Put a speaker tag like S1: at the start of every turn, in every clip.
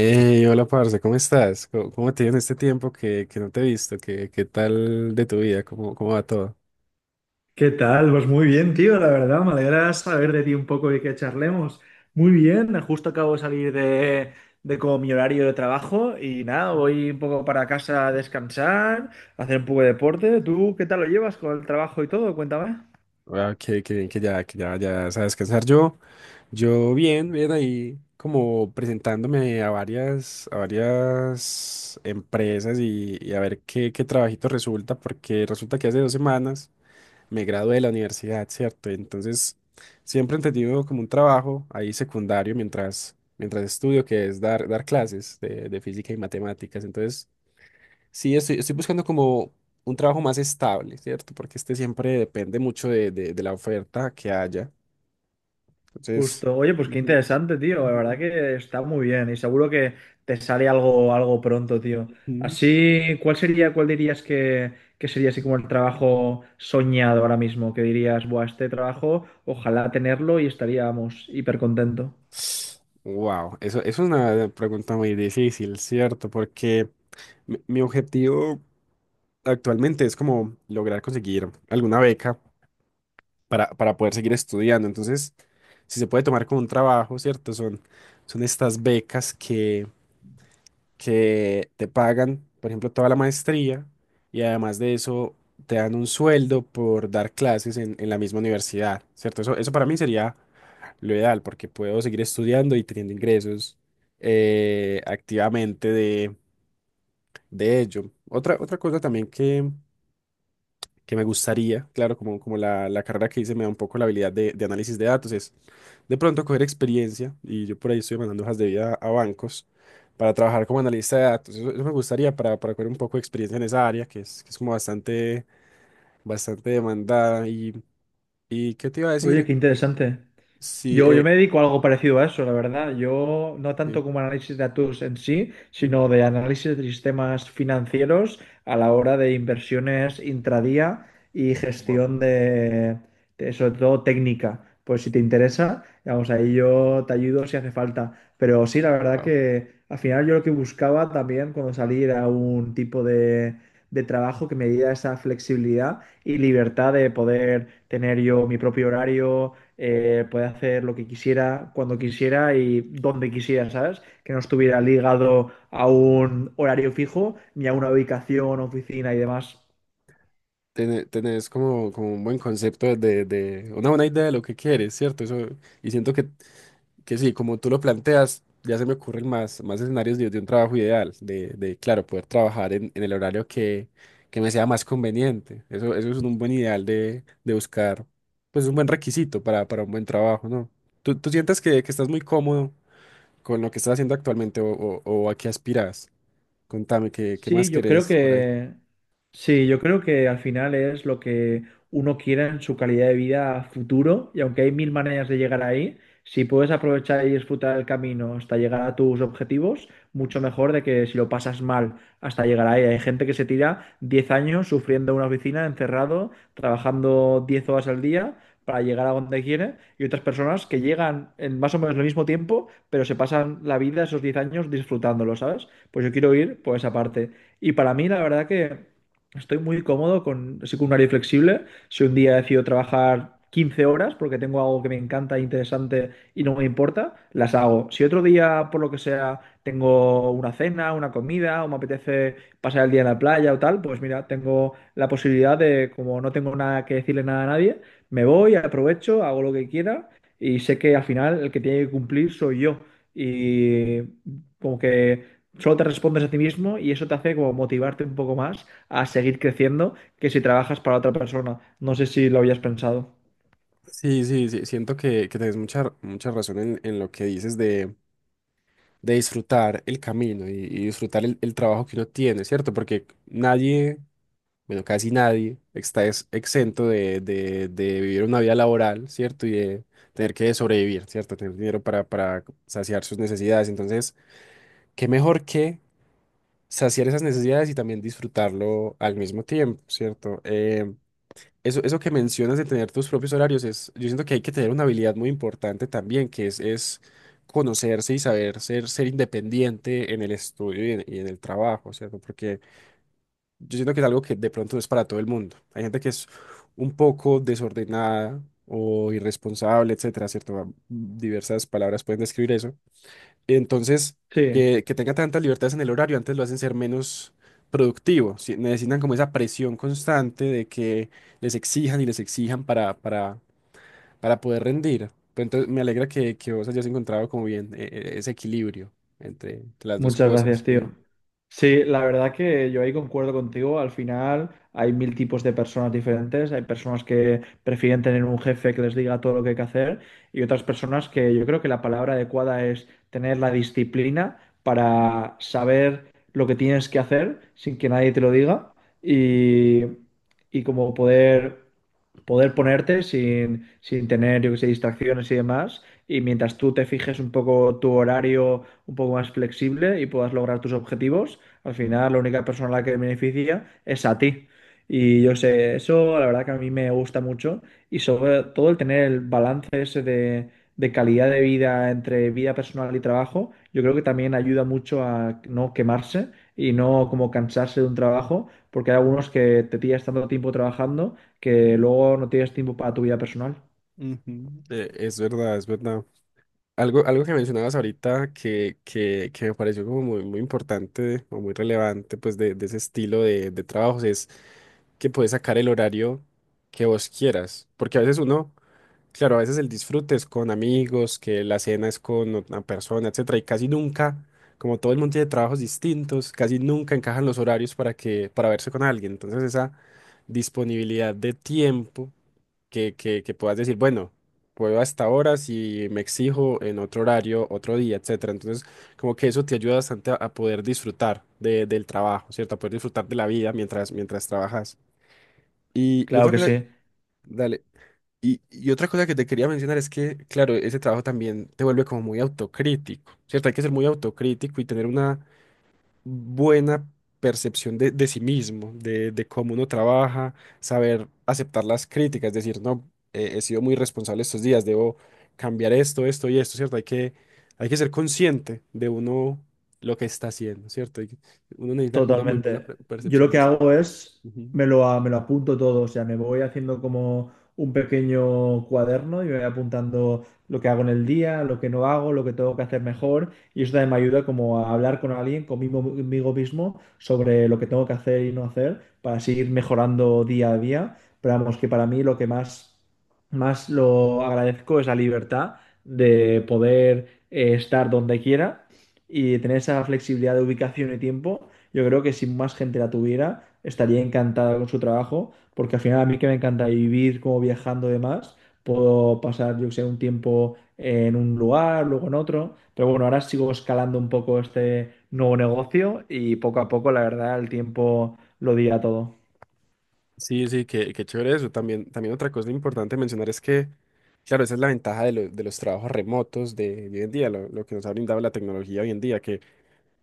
S1: Hey, hola, parce, ¿cómo estás? ¿Cómo te ha ido en este tiempo que no te he visto? ¿Qué tal de tu vida? ¿Cómo va todo?
S2: ¿Qué tal? Pues muy bien, tío, la verdad, me alegra saber de ti un poco y que charlemos. Muy bien, justo acabo de salir de como mi horario de trabajo y nada, voy un poco para casa a descansar, a hacer un poco de deporte. ¿Tú qué tal lo llevas con el trabajo y todo? Cuéntame.
S1: Ah, qué bien que ya sabes descansar. Yo bien, bien ahí como presentándome a a varias empresas y a ver qué trabajito resulta, porque resulta que hace dos semanas me gradué de la universidad, ¿cierto? Entonces, siempre he tenido como un trabajo ahí secundario mientras estudio, que es dar clases de física y matemáticas. Entonces, sí, estoy buscando como un trabajo más estable, ¿cierto? Porque este siempre depende mucho de la oferta que haya. Entonces,
S2: Justo. Oye, pues qué interesante, tío. La verdad que está muy bien y seguro que te sale algo, algo pronto, tío. Así, ¿cuál dirías que sería así como el trabajo soñado ahora mismo? Que dirías, buah, este trabajo, ojalá tenerlo y estaríamos hiper contento.
S1: wow, eso es una pregunta muy difícil, ¿cierto? Porque mi objetivo actualmente es como lograr conseguir alguna beca para poder seguir estudiando. Entonces, si se puede tomar como un trabajo, ¿cierto? Son estas becas que te pagan, por ejemplo, toda la maestría y además de eso te dan un sueldo por dar clases en la misma universidad, ¿cierto? Eso para mí sería lo ideal porque puedo seguir estudiando y teniendo ingresos activamente de ello. Otra cosa también que me gustaría, claro, como, como la carrera que hice me da un poco la habilidad de análisis de datos, es de pronto coger experiencia, y yo por ahí estoy mandando hojas de vida a bancos para trabajar como analista de datos. Eso me gustaría para coger un poco de experiencia en esa área, que es como bastante demandada. Y ¿qué te iba a
S2: Oye,
S1: decir?
S2: qué interesante.
S1: Sí,
S2: Yo me dedico a algo parecido a eso, la verdad. Yo no
S1: sí.
S2: tanto como análisis de datos en sí, sino de análisis de sistemas financieros a la hora de inversiones intradía y
S1: Wow,
S2: gestión sobre todo técnica. Pues si te interesa, vamos, ahí yo te ayudo si hace falta. Pero sí, la verdad
S1: wow.
S2: que al final yo lo que buscaba también cuando salí era un tipo de trabajo que me diera esa flexibilidad y libertad de poder tener yo mi propio horario puede hacer lo que quisiera, cuando quisiera y donde quisiera, ¿sabes? Que no estuviera ligado a un horario fijo ni a una ubicación, oficina y demás.
S1: Tenés como, como un buen concepto de una buena idea de lo que quieres, ¿cierto? Eso, y siento que sí, como tú lo planteas, ya se me ocurren más escenarios de un trabajo ideal, de, claro, poder trabajar en el horario que me sea más conveniente. Eso es un buen ideal de buscar, pues un buen requisito para un buen trabajo, ¿no? ¿Tú sientes que estás muy cómodo con lo que estás haciendo actualmente o a qué aspiras? Contame, ¿qué
S2: Sí,
S1: más
S2: yo creo
S1: querés por ahí?
S2: que sí, yo creo que al final es lo que uno quiera en su calidad de vida a futuro, y aunque hay mil maneras de llegar ahí, si puedes aprovechar y disfrutar el camino hasta llegar a tus objetivos, mucho mejor de que si lo pasas mal hasta llegar ahí. Hay gente que se tira 10 años sufriendo en una oficina, encerrado, trabajando 10 horas al día para llegar a donde quiere, y otras personas que llegan en más o menos el mismo tiempo, pero se pasan la vida esos 10 años disfrutándolo, ¿sabes? Pues yo quiero ir por esa parte. Y para mí, la verdad que estoy muy cómodo con, así con un horario flexible. Si un día decido trabajar 15 horas porque tengo algo que me encanta, interesante y no me importa, las hago. Si otro día, por lo que sea, tengo una cena, una comida o me apetece pasar el día en la playa o tal, pues mira, tengo la posibilidad de, como no tengo nada que decirle nada a nadie, me voy, aprovecho, hago lo que quiera y sé que al final el que tiene que cumplir soy yo. Y como que solo te respondes a ti mismo y eso te hace como motivarte un poco más a seguir creciendo que si trabajas para otra persona. No sé si lo habías pensado.
S1: Sí, sí, sí, siento que tenés mucha razón en lo que dices de disfrutar el camino y disfrutar el trabajo que uno tiene, ¿cierto? Porque nadie, bueno, casi nadie exento de vivir una vida laboral, ¿cierto? Y de tener que sobrevivir, ¿cierto? Tener dinero para saciar sus necesidades. Entonces, ¿qué mejor que saciar esas necesidades y también disfrutarlo al mismo tiempo, ¿cierto? Eso, eso que mencionas de tener tus propios horarios es, yo siento que hay que tener una habilidad muy importante también, que es conocerse y saber ser independiente en el estudio y en el trabajo, ¿cierto? Porque yo siento que es algo que de pronto no es para todo el mundo. Hay gente que es un poco desordenada o irresponsable, etcétera, ¿cierto? Diversas palabras pueden describir eso. Entonces,
S2: Sí.
S1: que tenga tantas libertades en el horario, antes lo hacen ser menos productivo. Si- necesitan como esa presión constante de que les exijan y les exijan para poder rendir. Pero entonces, me alegra que vos hayas encontrado como bien ese equilibrio entre, entre las dos
S2: Muchas
S1: cosas.
S2: gracias, tío.
S1: Que-
S2: Sí, la verdad que yo ahí concuerdo contigo. Al final hay mil tipos de personas diferentes. Hay personas que prefieren tener un jefe que les diga todo lo que hay que hacer y otras personas que yo creo que la palabra adecuada es tener la disciplina para saber lo que tienes que hacer sin que nadie te lo diga y, y como poder ponerte sin tener, yo que sé, distracciones y demás. Y mientras tú te fijes un poco tu horario un poco más flexible y puedas lograr tus objetivos, al final la única persona a la que beneficia es a ti. Y yo sé, eso la verdad que a mí me gusta mucho y sobre todo el tener el balance ese de calidad de vida entre vida personal y trabajo, yo creo que también ayuda mucho a no quemarse y no como cansarse de un trabajo, porque hay algunos que te pillas tanto tiempo trabajando que luego no tienes tiempo para tu vida personal.
S1: Ujú, es verdad, es verdad. Algo que mencionabas ahorita que me pareció como muy importante o muy relevante pues de ese estilo de trabajos que puedes sacar el horario que vos quieras. Porque a veces uno, claro, a veces el disfrute es con amigos, que la cena es con una persona, etcétera, y casi nunca, como todo el mundo tiene trabajos distintos, casi nunca encajan los horarios para para verse con alguien. Entonces, esa disponibilidad de tiempo que puedas decir, bueno, puedo hasta ahora si me exijo en otro horario, otro día, etcétera. Entonces, como que eso te ayuda bastante a poder disfrutar del trabajo, ¿cierto? A poder disfrutar de la vida mientras trabajas. Y
S2: Claro
S1: otra
S2: que sí.
S1: cosa, dale, y otra cosa que te quería mencionar es que, claro, ese trabajo también te vuelve como muy autocrítico, ¿cierto? Hay que ser muy autocrítico y tener una buena percepción de sí mismo, de cómo uno trabaja, saber aceptar las críticas, decir, no, he sido muy responsable estos días, debo cambiar esto, esto y esto, ¿cierto? Hay que ser consciente de uno lo que está haciendo, ¿cierto? Hay que- Uno necesita como una muy buena
S2: Totalmente. Yo lo
S1: percepción
S2: que
S1: de sí.
S2: hago es,
S1: Ujú.
S2: me lo apunto todo, o sea, me voy haciendo como un pequeño cuaderno y me voy apuntando lo que hago en el día, lo que no hago, lo que tengo que hacer mejor y eso también me ayuda como a hablar con alguien, conmigo, conmigo mismo, sobre lo que tengo que hacer y no hacer para seguir mejorando día a día. Pero vamos, que para mí lo que más, más lo agradezco es la libertad de poder estar donde quiera y tener esa flexibilidad de ubicación y tiempo yo creo que si más gente la tuviera, estaría encantada con su trabajo, porque al final a mí que me encanta vivir como viajando y demás, puedo pasar, yo que sé, un tiempo en un lugar, luego en otro, pero bueno, ahora sigo escalando un poco este nuevo negocio y poco a poco, la verdad, el tiempo lo dirá todo.
S1: Sí, sí, qué, qué chévere eso. También, también otra cosa importante mencionar es que, claro, esa es la ventaja de, de los trabajos remotos de hoy en día, lo que nos ha brindado la tecnología hoy en día,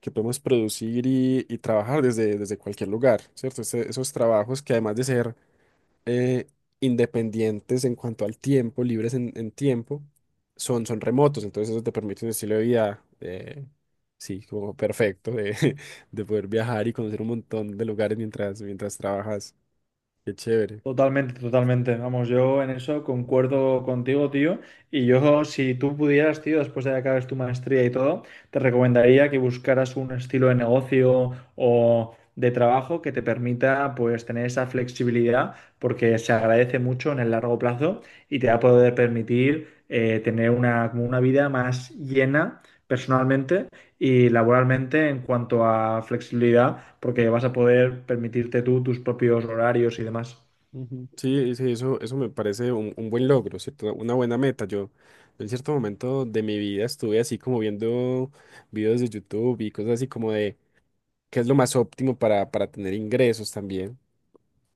S1: que podemos producir y trabajar desde, desde cualquier lugar, ¿cierto? Esos trabajos que además de ser eh, independientes en cuanto al tiempo, libres en tiempo, son, son remotos, entonces eso te permite un estilo de vida, sí, como perfecto, de, de poder viajar y conocer un montón de lugares mientras trabajas. Qué chévere.
S2: Totalmente, totalmente. Vamos, yo en eso concuerdo contigo, tío. Si tú pudieras, tío, después de que acabes tu maestría y todo, te recomendaría que buscaras un estilo de negocio o de trabajo que te permita, pues, tener esa flexibilidad, porque se agradece mucho en el largo plazo y te va a poder permitir tener una, como una vida más llena personalmente y laboralmente en cuanto a flexibilidad, porque vas a poder permitirte tú tus propios horarios y demás.
S1: Ujú. Sí, sí, eso me parece un buen logro, ¿cierto? Una buena meta. Yo en cierto momento de mi vida estuve así como viendo videos de YouTube y cosas así como de qué es lo más óptimo para tener ingresos también.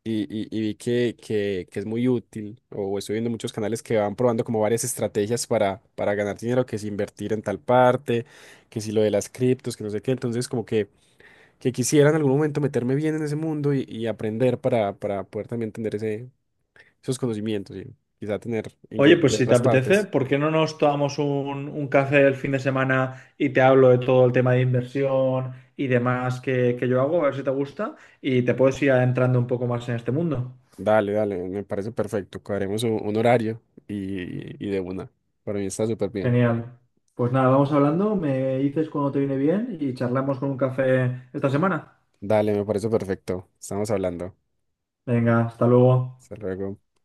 S1: Y vi que es muy útil, o estoy viendo muchos canales que van probando como varias estrategias para ganar dinero, que si invertir en tal parte, que si lo de las criptos, que no sé qué. Entonces como que quisiera en algún momento meterme bien en ese mundo y aprender para poder también tener ese esos conocimientos y quizá tener
S2: Oye,
S1: ingresos
S2: pues
S1: de
S2: si te
S1: otras
S2: apetece,
S1: partes.
S2: ¿por qué no nos tomamos un café el fin de semana y te hablo de todo el tema de inversión y demás que yo hago? A ver si te gusta y te puedes ir adentrando un poco más en este mundo.
S1: Dale, dale, me parece perfecto. Cuadremos un horario y de una. Para mí está súper bien.
S2: Genial. Pues nada, vamos hablando, me dices cuando te viene bien y charlamos con un café esta semana.
S1: Dale, me parece perfecto. Estamos hablando.
S2: Venga, hasta luego.
S1: Hasta luego.